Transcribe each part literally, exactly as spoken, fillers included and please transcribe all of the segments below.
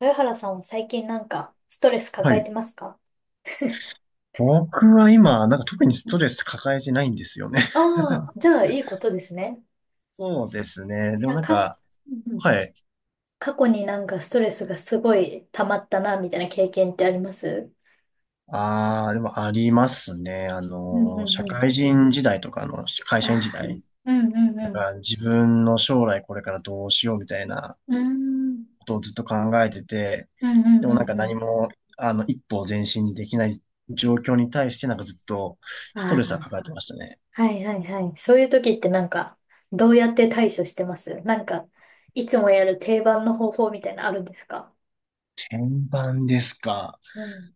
豊原さんは最近なんかストレスは抱えい。てますか？僕は今、なんか特にストレス抱えてないんですよね。ああー、じゃあいいことですね。そうですね。でもなんなんか、うんか、うん。はい。過去になんかストレスがすごい溜まったな、みたいな経験ってあります？ああ、でもありますね。あうんうの、ん社うん。会人時代とか、あの、会あ社員時あ、代。うんうんうなんん。か自分の将来これからどうしようみたいなうーん、ことをずっと考えてて、うんうでんもなうんかんう何ん。も、あの、一歩前進できない状況に対してなんかずっとあストレスは抱えあ、てましたね。はいはいはい。そういう時ってなんか、どうやって対処してます？なんか、いつもやる定番の方法みたいなのあるんですか？転板ですか？うん。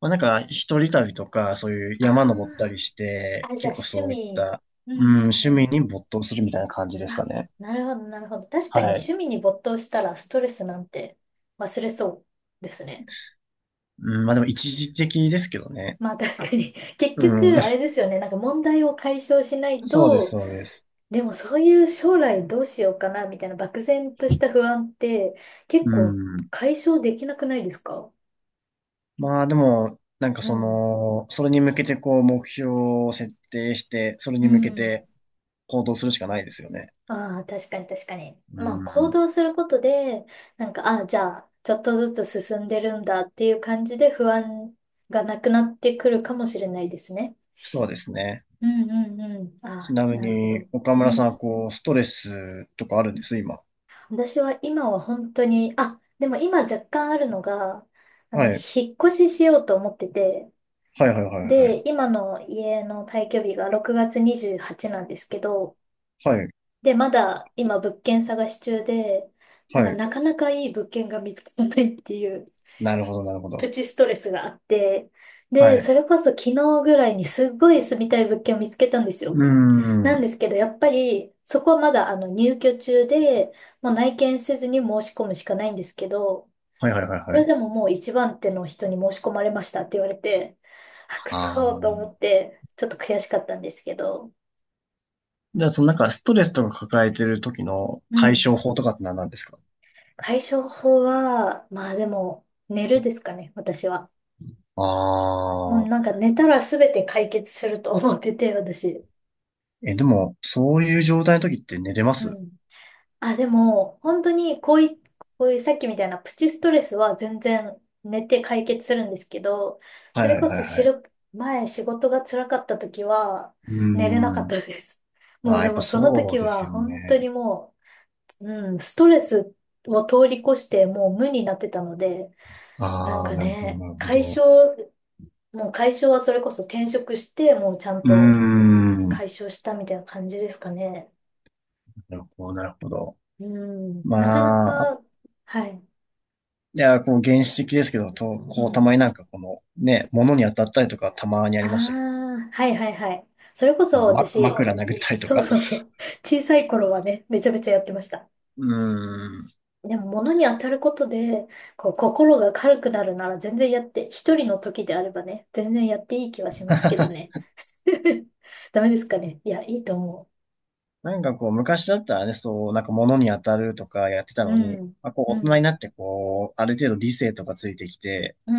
まあ、なんか、一人旅とか、そういう山登ったありしあ、て、あ、じゃあ結構趣そういっ味。た、うんうん、うん趣う味ん。に没頭するみたいな感じですかあ、ね。なるほど、なるほど。確かはにい。趣味に没頭したらストレスなんて忘れそうですね。うん、まあでも一時的ですけどね。まあ確かに 結う局、あん。れですよね。なんか問題を解消しな いそうです、と。そうです。でもそういう将来どうしようかなみたいな漠然とした不安って結う構ん。解消できなくないですか？まあでも、なんかうそん。の、それに向けてこう、目標を設定して、それうに向けん。て行動するしかないですよね。ああ、確かに確かに。うまあ、行ん。動することで、なんか、ああ、じゃあ、ちょっとずつ進んでるんだっていう感じで不安がなくなってくるかもしれないですね。そうですね。うんうんうん。あちあ、なみなるほに、ど。岡う村ん。さん、こう、ストレスとかあるんです、今？私は今は本当に、あ、でも今若干あるのが、あの、はい。引っ越ししようと思ってて、はいはいはいはい。で、今の家の退去日がろくがつにじゅうはちなんですけど、はい。で、まだ今物件探し中で、なはんかい。なかなかいい物件が見つからないっていう、なるほすど、なるほプど。チストレスがあって、はで、い。それこそ昨日ぐらいにすっごい住みたい物件を見つけたんですうよ。なーんでん。すけど、やっぱりそこはまだあの入居中で、もう内見せずに申し込むしかないんですけど、はいはいはいそはれい。でももう一番手の人に申し込まれましたって言われて、あ、くあそーと思あ。って、ちょっと悔しかったんですけど。じゃあ、そのなんかストレスとか抱えてる時のう解ん。消法とかって何なんですか？対処法は、まあでも、寝るですかね、私は。もうあなんあ。か寝たら全て解決すると思ってて、私。え、でも、そういう状態の時って寝れまうす？ん。あ、でも、本当にこうい、こういうさっきみたいなプチストレスは全然寝て解決するんですけど、はそいれはいこはいそしはい。る、前仕事が辛かった時は、うー寝れなかっん。たです。もあうあ、やでっぱもそのそう時ですは、よ本当ね。にもう、うん、ストレスを通り越してもう無になってたので、なんああ、かなるほど、ね、なるほ解ど。消もう解消はそれこそ転職して、もうちゃんうとーん。解消したみたいな感じですかね。なるほど、なるほど。うん。まなかなあ、あか、はい。いや、こう、原始的ですけど、と、うこう、たん。まになんかこの、ね、物に当たったりとかたまにあありましたけど。あ、はいはいはい。それこあその、ま、私、枕殴ったりとそうか。そうそう。小さい頃はね、めちゃめちゃやってました。うーん。でも物に当たることで、こう、心が軽くなるなら全然やって、一人の時であればね、全然やっていい気はしますけどね。ダメですかね。いや、いいと思なんかこう、昔だったらね、そう、なんか物に当たるとかやってたう。うのに、ん。まあ、こう、う大人ん。になってこう、ある程度理性とかついてきて、うん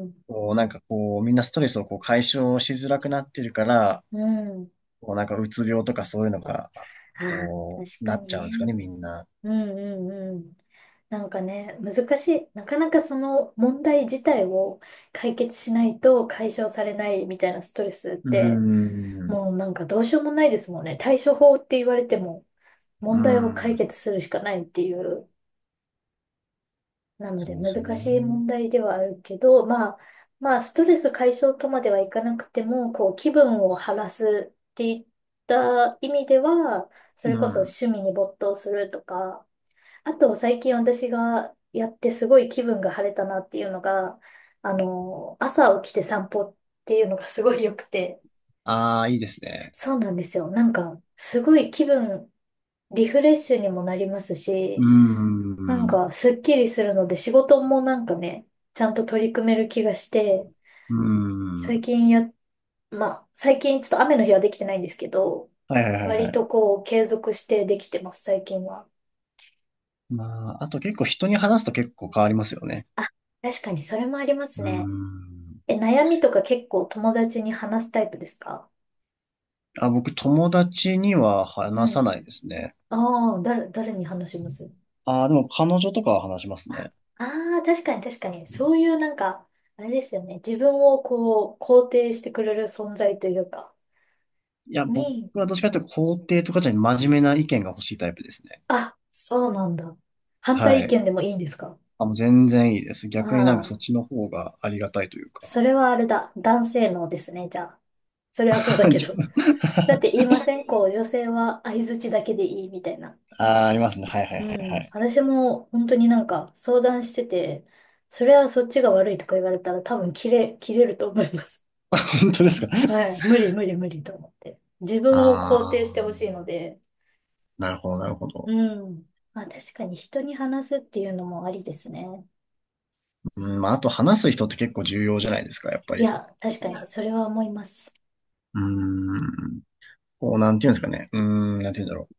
うんこう、なんかこう、みんなストレスをこう解消しづらくなってるから、うん。うん。こう、なんかうつ病とかそういうのが、ああ、こ確う、かなっにちゃうんですかね、ね。みんな。うんうんうん。なんかね、難しい。なかなかその問題自体を解決しないと解消されないみたいなストレスっうーて、ん。もうなんかどうしようもないですもんね。対処法って言われても、うー問題を解ん。決するしかないっていう。なのそでうで難すしいね。問題ではあるけど、まあ、まあ、ストレス解消とまではいかなくても、こう、気分を晴らすっていった意味では、そうれこそん。趣味に没頭するとか、あと、最近私がやってすごい気分が晴れたなっていうのが、あの、朝起きて散歩っていうのがすごい良くて。ああ、いいですね。そうなんですよ。なんか、すごい気分、リフレッシュにもなりますうーし、なんん。うか、すっきりするので、仕事もなんかね、ちゃんと取り組める気がして、ー最ん。近や、まあ、最近ちょっと雨の日はできてないんですけど、はいはいはいは割とい。こう、継続してできてます、最近は。まあ、あと結構人に話すと結構変わりますよね。あ、確かにそれもありまうすーね。ん。え、悩みとか結構友達に話すタイプですか？あ、僕友達にはう話さん。ないですね。ああ、誰、誰に話します？あ、でも彼女とかは話しますあね。あー、確かに確かに。そういうなんか、あれですよね。自分をこう、肯定してくれる存在というか、いや、僕に、はどっちかというと肯定とかじゃなくて真面目な意見が欲しいタイプですね。あ、そうなんだ。反対は意い。見でもいいんですか？あ、もう全然いいです。逆になんかそああ、っちの方がありがたいというそか。れはあれだ。男性のですね、じゃあ。それはそうだ けちど。ょだって言いませんこう、女性は相槌だけでいいみたいな。あー、ありますね。はいはいはういはん。い。私も本当になんか相談してて、それはそっちが悪いとか言われたら多分切れ、切れると思います。本当です か？はい。無理無理無理と思って。自分をあ肯定してほしいー、ので。なるほどなるほど。うん。まあ確かに人に話すっていうのもありですね。うん、まあ、あと話す人って結構重要じゃないですか、やっぱいり。や、確かいにやそれは思います。うーん。こう、なんていうんですかね。うーん、なんていうんだろ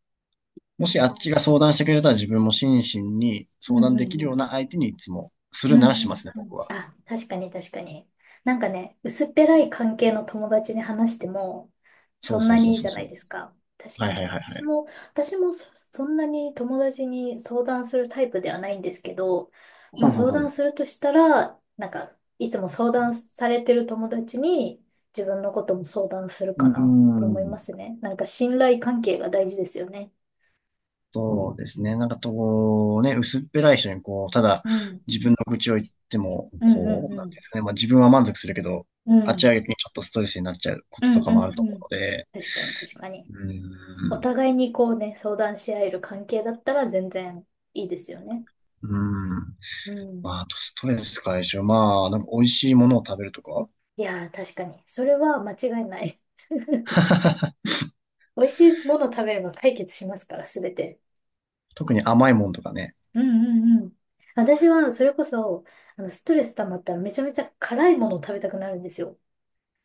う。もしあっちが相談してくれたら自分も心身にうん相談うできんうるようん。な相手にいつもすうるんならうしんますね、う僕ん。は。あ、確かに確かに。なんかね、薄っぺらい関係の友達に話しても、そそうんそなうそにういいそじうゃなそいう。ですか。確はかいはにいはいは私い。も、私もそ、そんなに友達に相談するタイプではないんですけど、まはあいはい相は談い。するとしたら、なんか、いつも相談されてる友達に自分のことも相談するうーかなと思いまん。すね。なんか信頼関係が大事ですよね。そうですね。なんかこう、ね、薄っぺらい人にこう、ただうん。自分の愚痴を言っても、うんうこんう、うなんていうんでん。すかね。まあ自分は満足するけど、うあっちん。は逆にちょっとストレスになっちゃうこうととんかうもあんるとう思ん。うので、確かに確かに。うーおん。互いにこうね、相談し合える関係だったら全然いいですよね。うーん。うまん。あ、あとストレス解消。まあ、なんか美味しいものを食べるとか。いやー、確かに。それは間違いない。美味しいもの食べれば解決しますから、すべて。特に甘いもんとかね。うんうんうん。私は、それこそ、あの、ストレス溜まったらめちゃめちゃ辛いものを食べたくなるんですよ。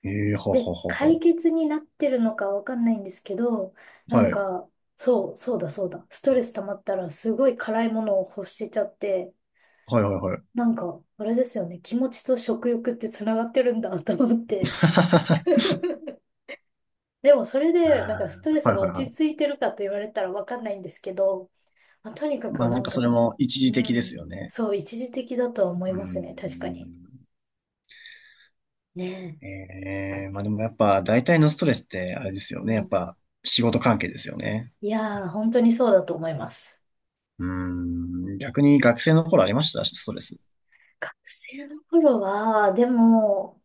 ええー、ほうほで、うほう解ほ決になってるのかわかんないんですけど、う。なはんい。か、そう、そうだそうだ。ストレス溜まったらすごい辛いものを欲しちゃって、はいはいはい。なんか、あれですよね。気持ちと食欲ってつながってるんだと思って。でもそれで、なんかストレスはいがはい落はち着い。いてるかと言われたらわかんないんですけど、まあ、とにかくまあななんんかそれか、も一時う的ですよん、ね。そう、一時的だとは思ういーますね。確かに。ん。ねええまあでもやっぱ大体のストレスってあれですよえ。うね。やっん、ぱ仕事関係ですよね。いやー、本当にそうだと思います。うーん。逆に学生の頃ありましたストレス？学生の頃は、でも、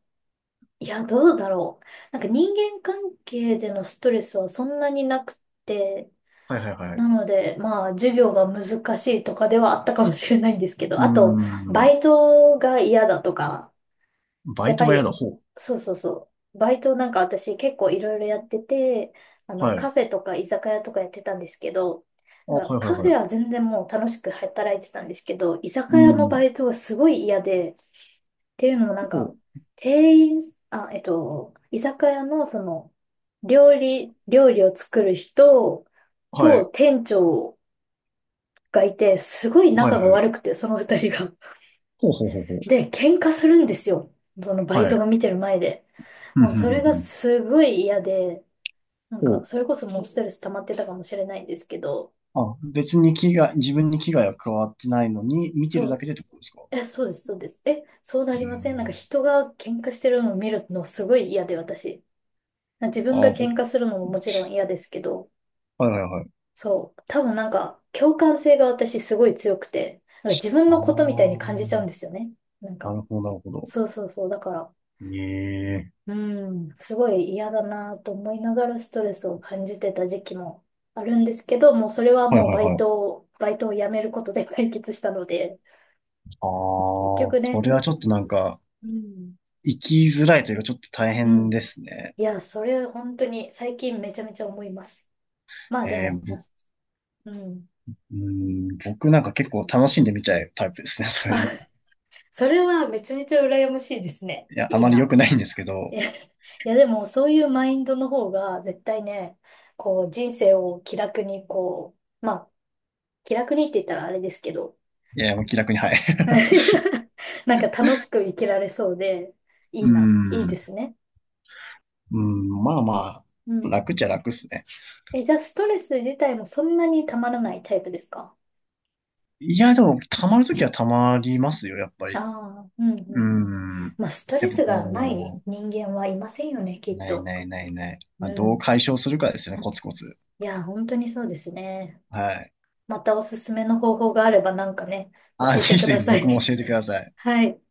いや、どうだろう。なんか人間関係でのストレスはそんなになくて、はいはいはい。なので、まあ、授業が難しいとかではあったかもしれないんですけど、うーあと、バん。イトが嫌だとか、バやイっぱトが嫌だ。り、ほう。そうそうそう、バイトなんか私結構いろいろやってて、あの、はい。カフェとか居酒屋とかやってたんですけど、あ、はなんかいカフはいはェい。は全然もう楽しく働いてたんですけど、居う酒ー屋のバん。イトがすごい嫌で、っていうのもなんか、ほう。店員、あ、えっと、居酒屋のその、料理、料理を作る人はとい。店長がいて、すごいはい仲がはい。悪くて、その二人が。ほうほうほうほう。で、喧嘩するんですよ。そのバイはトい。が見てる前で。ふんもうふんそふれんがふん。すごい嫌で、なんほか、う。それこそもうストレス溜まってたかもしれないんですけど、あ、別に危害、自分に危害は加わってないのに、見てそるだう、けでってことですか？え、そうです、そうです。え、そうなえりまー、せん？なんか人が喧嘩してるのを見るのすごい嫌で、私。自分あがあぼ、喧嘩するのももちろん嫌ですけど、はいはいはい。そう、多分なんか、共感性が私すごい強くて、なんか自分あのことみたいにあ感じちゃうんですよね。なんなか、るほど、なるほど。そうそうそう、だから、ええ。うん、すごい嫌だなと思いながらストレスを感じてた時期もあるんですけど、もうそれははいもうはいバイはい。トを、バイトを辞めることで解決したので、あ 結局あ、そね、れはちょっとなんか、うん、生きづらいというか、ちょっと大う変ん。ですね。いや、それ本当に最近めちゃめちゃ思います。まあでえー、も、ぼ、うん。うん、僕なんか結構楽しんで見ちゃうタイプですね、そういうあ、の。それはめちゃめちゃ羨ましいですね。いや、あいいまり良な。くないんですけいど、や、いやでもそういうマインドの方が絶対ね、こう人生を気楽にこう、まあ気楽にって言ったらあれですけど、いや、もう気楽に、はい。なんか楽しく生きられそうで、いいうな、いいでん、すね。うん、まあまうあ、ん。楽っちゃ楽っすね。え、じゃあ、ストレス自体もそんなにたまらないタイプですか？いや、でも、溜まるときは溜まりますよ、やっぱあり。あうんうんうん。うーん。まあ、ストやレっぱスがないこ人間はいませんよね、きう、っないと。ないないない。まうあ、どうん。解消するかですよね、コツコツ。いや、本当にそうですね。はい。またおすすめの方法があればなんかね、あ、教えてぜひくぜだひさ僕い。も教えてください。はい。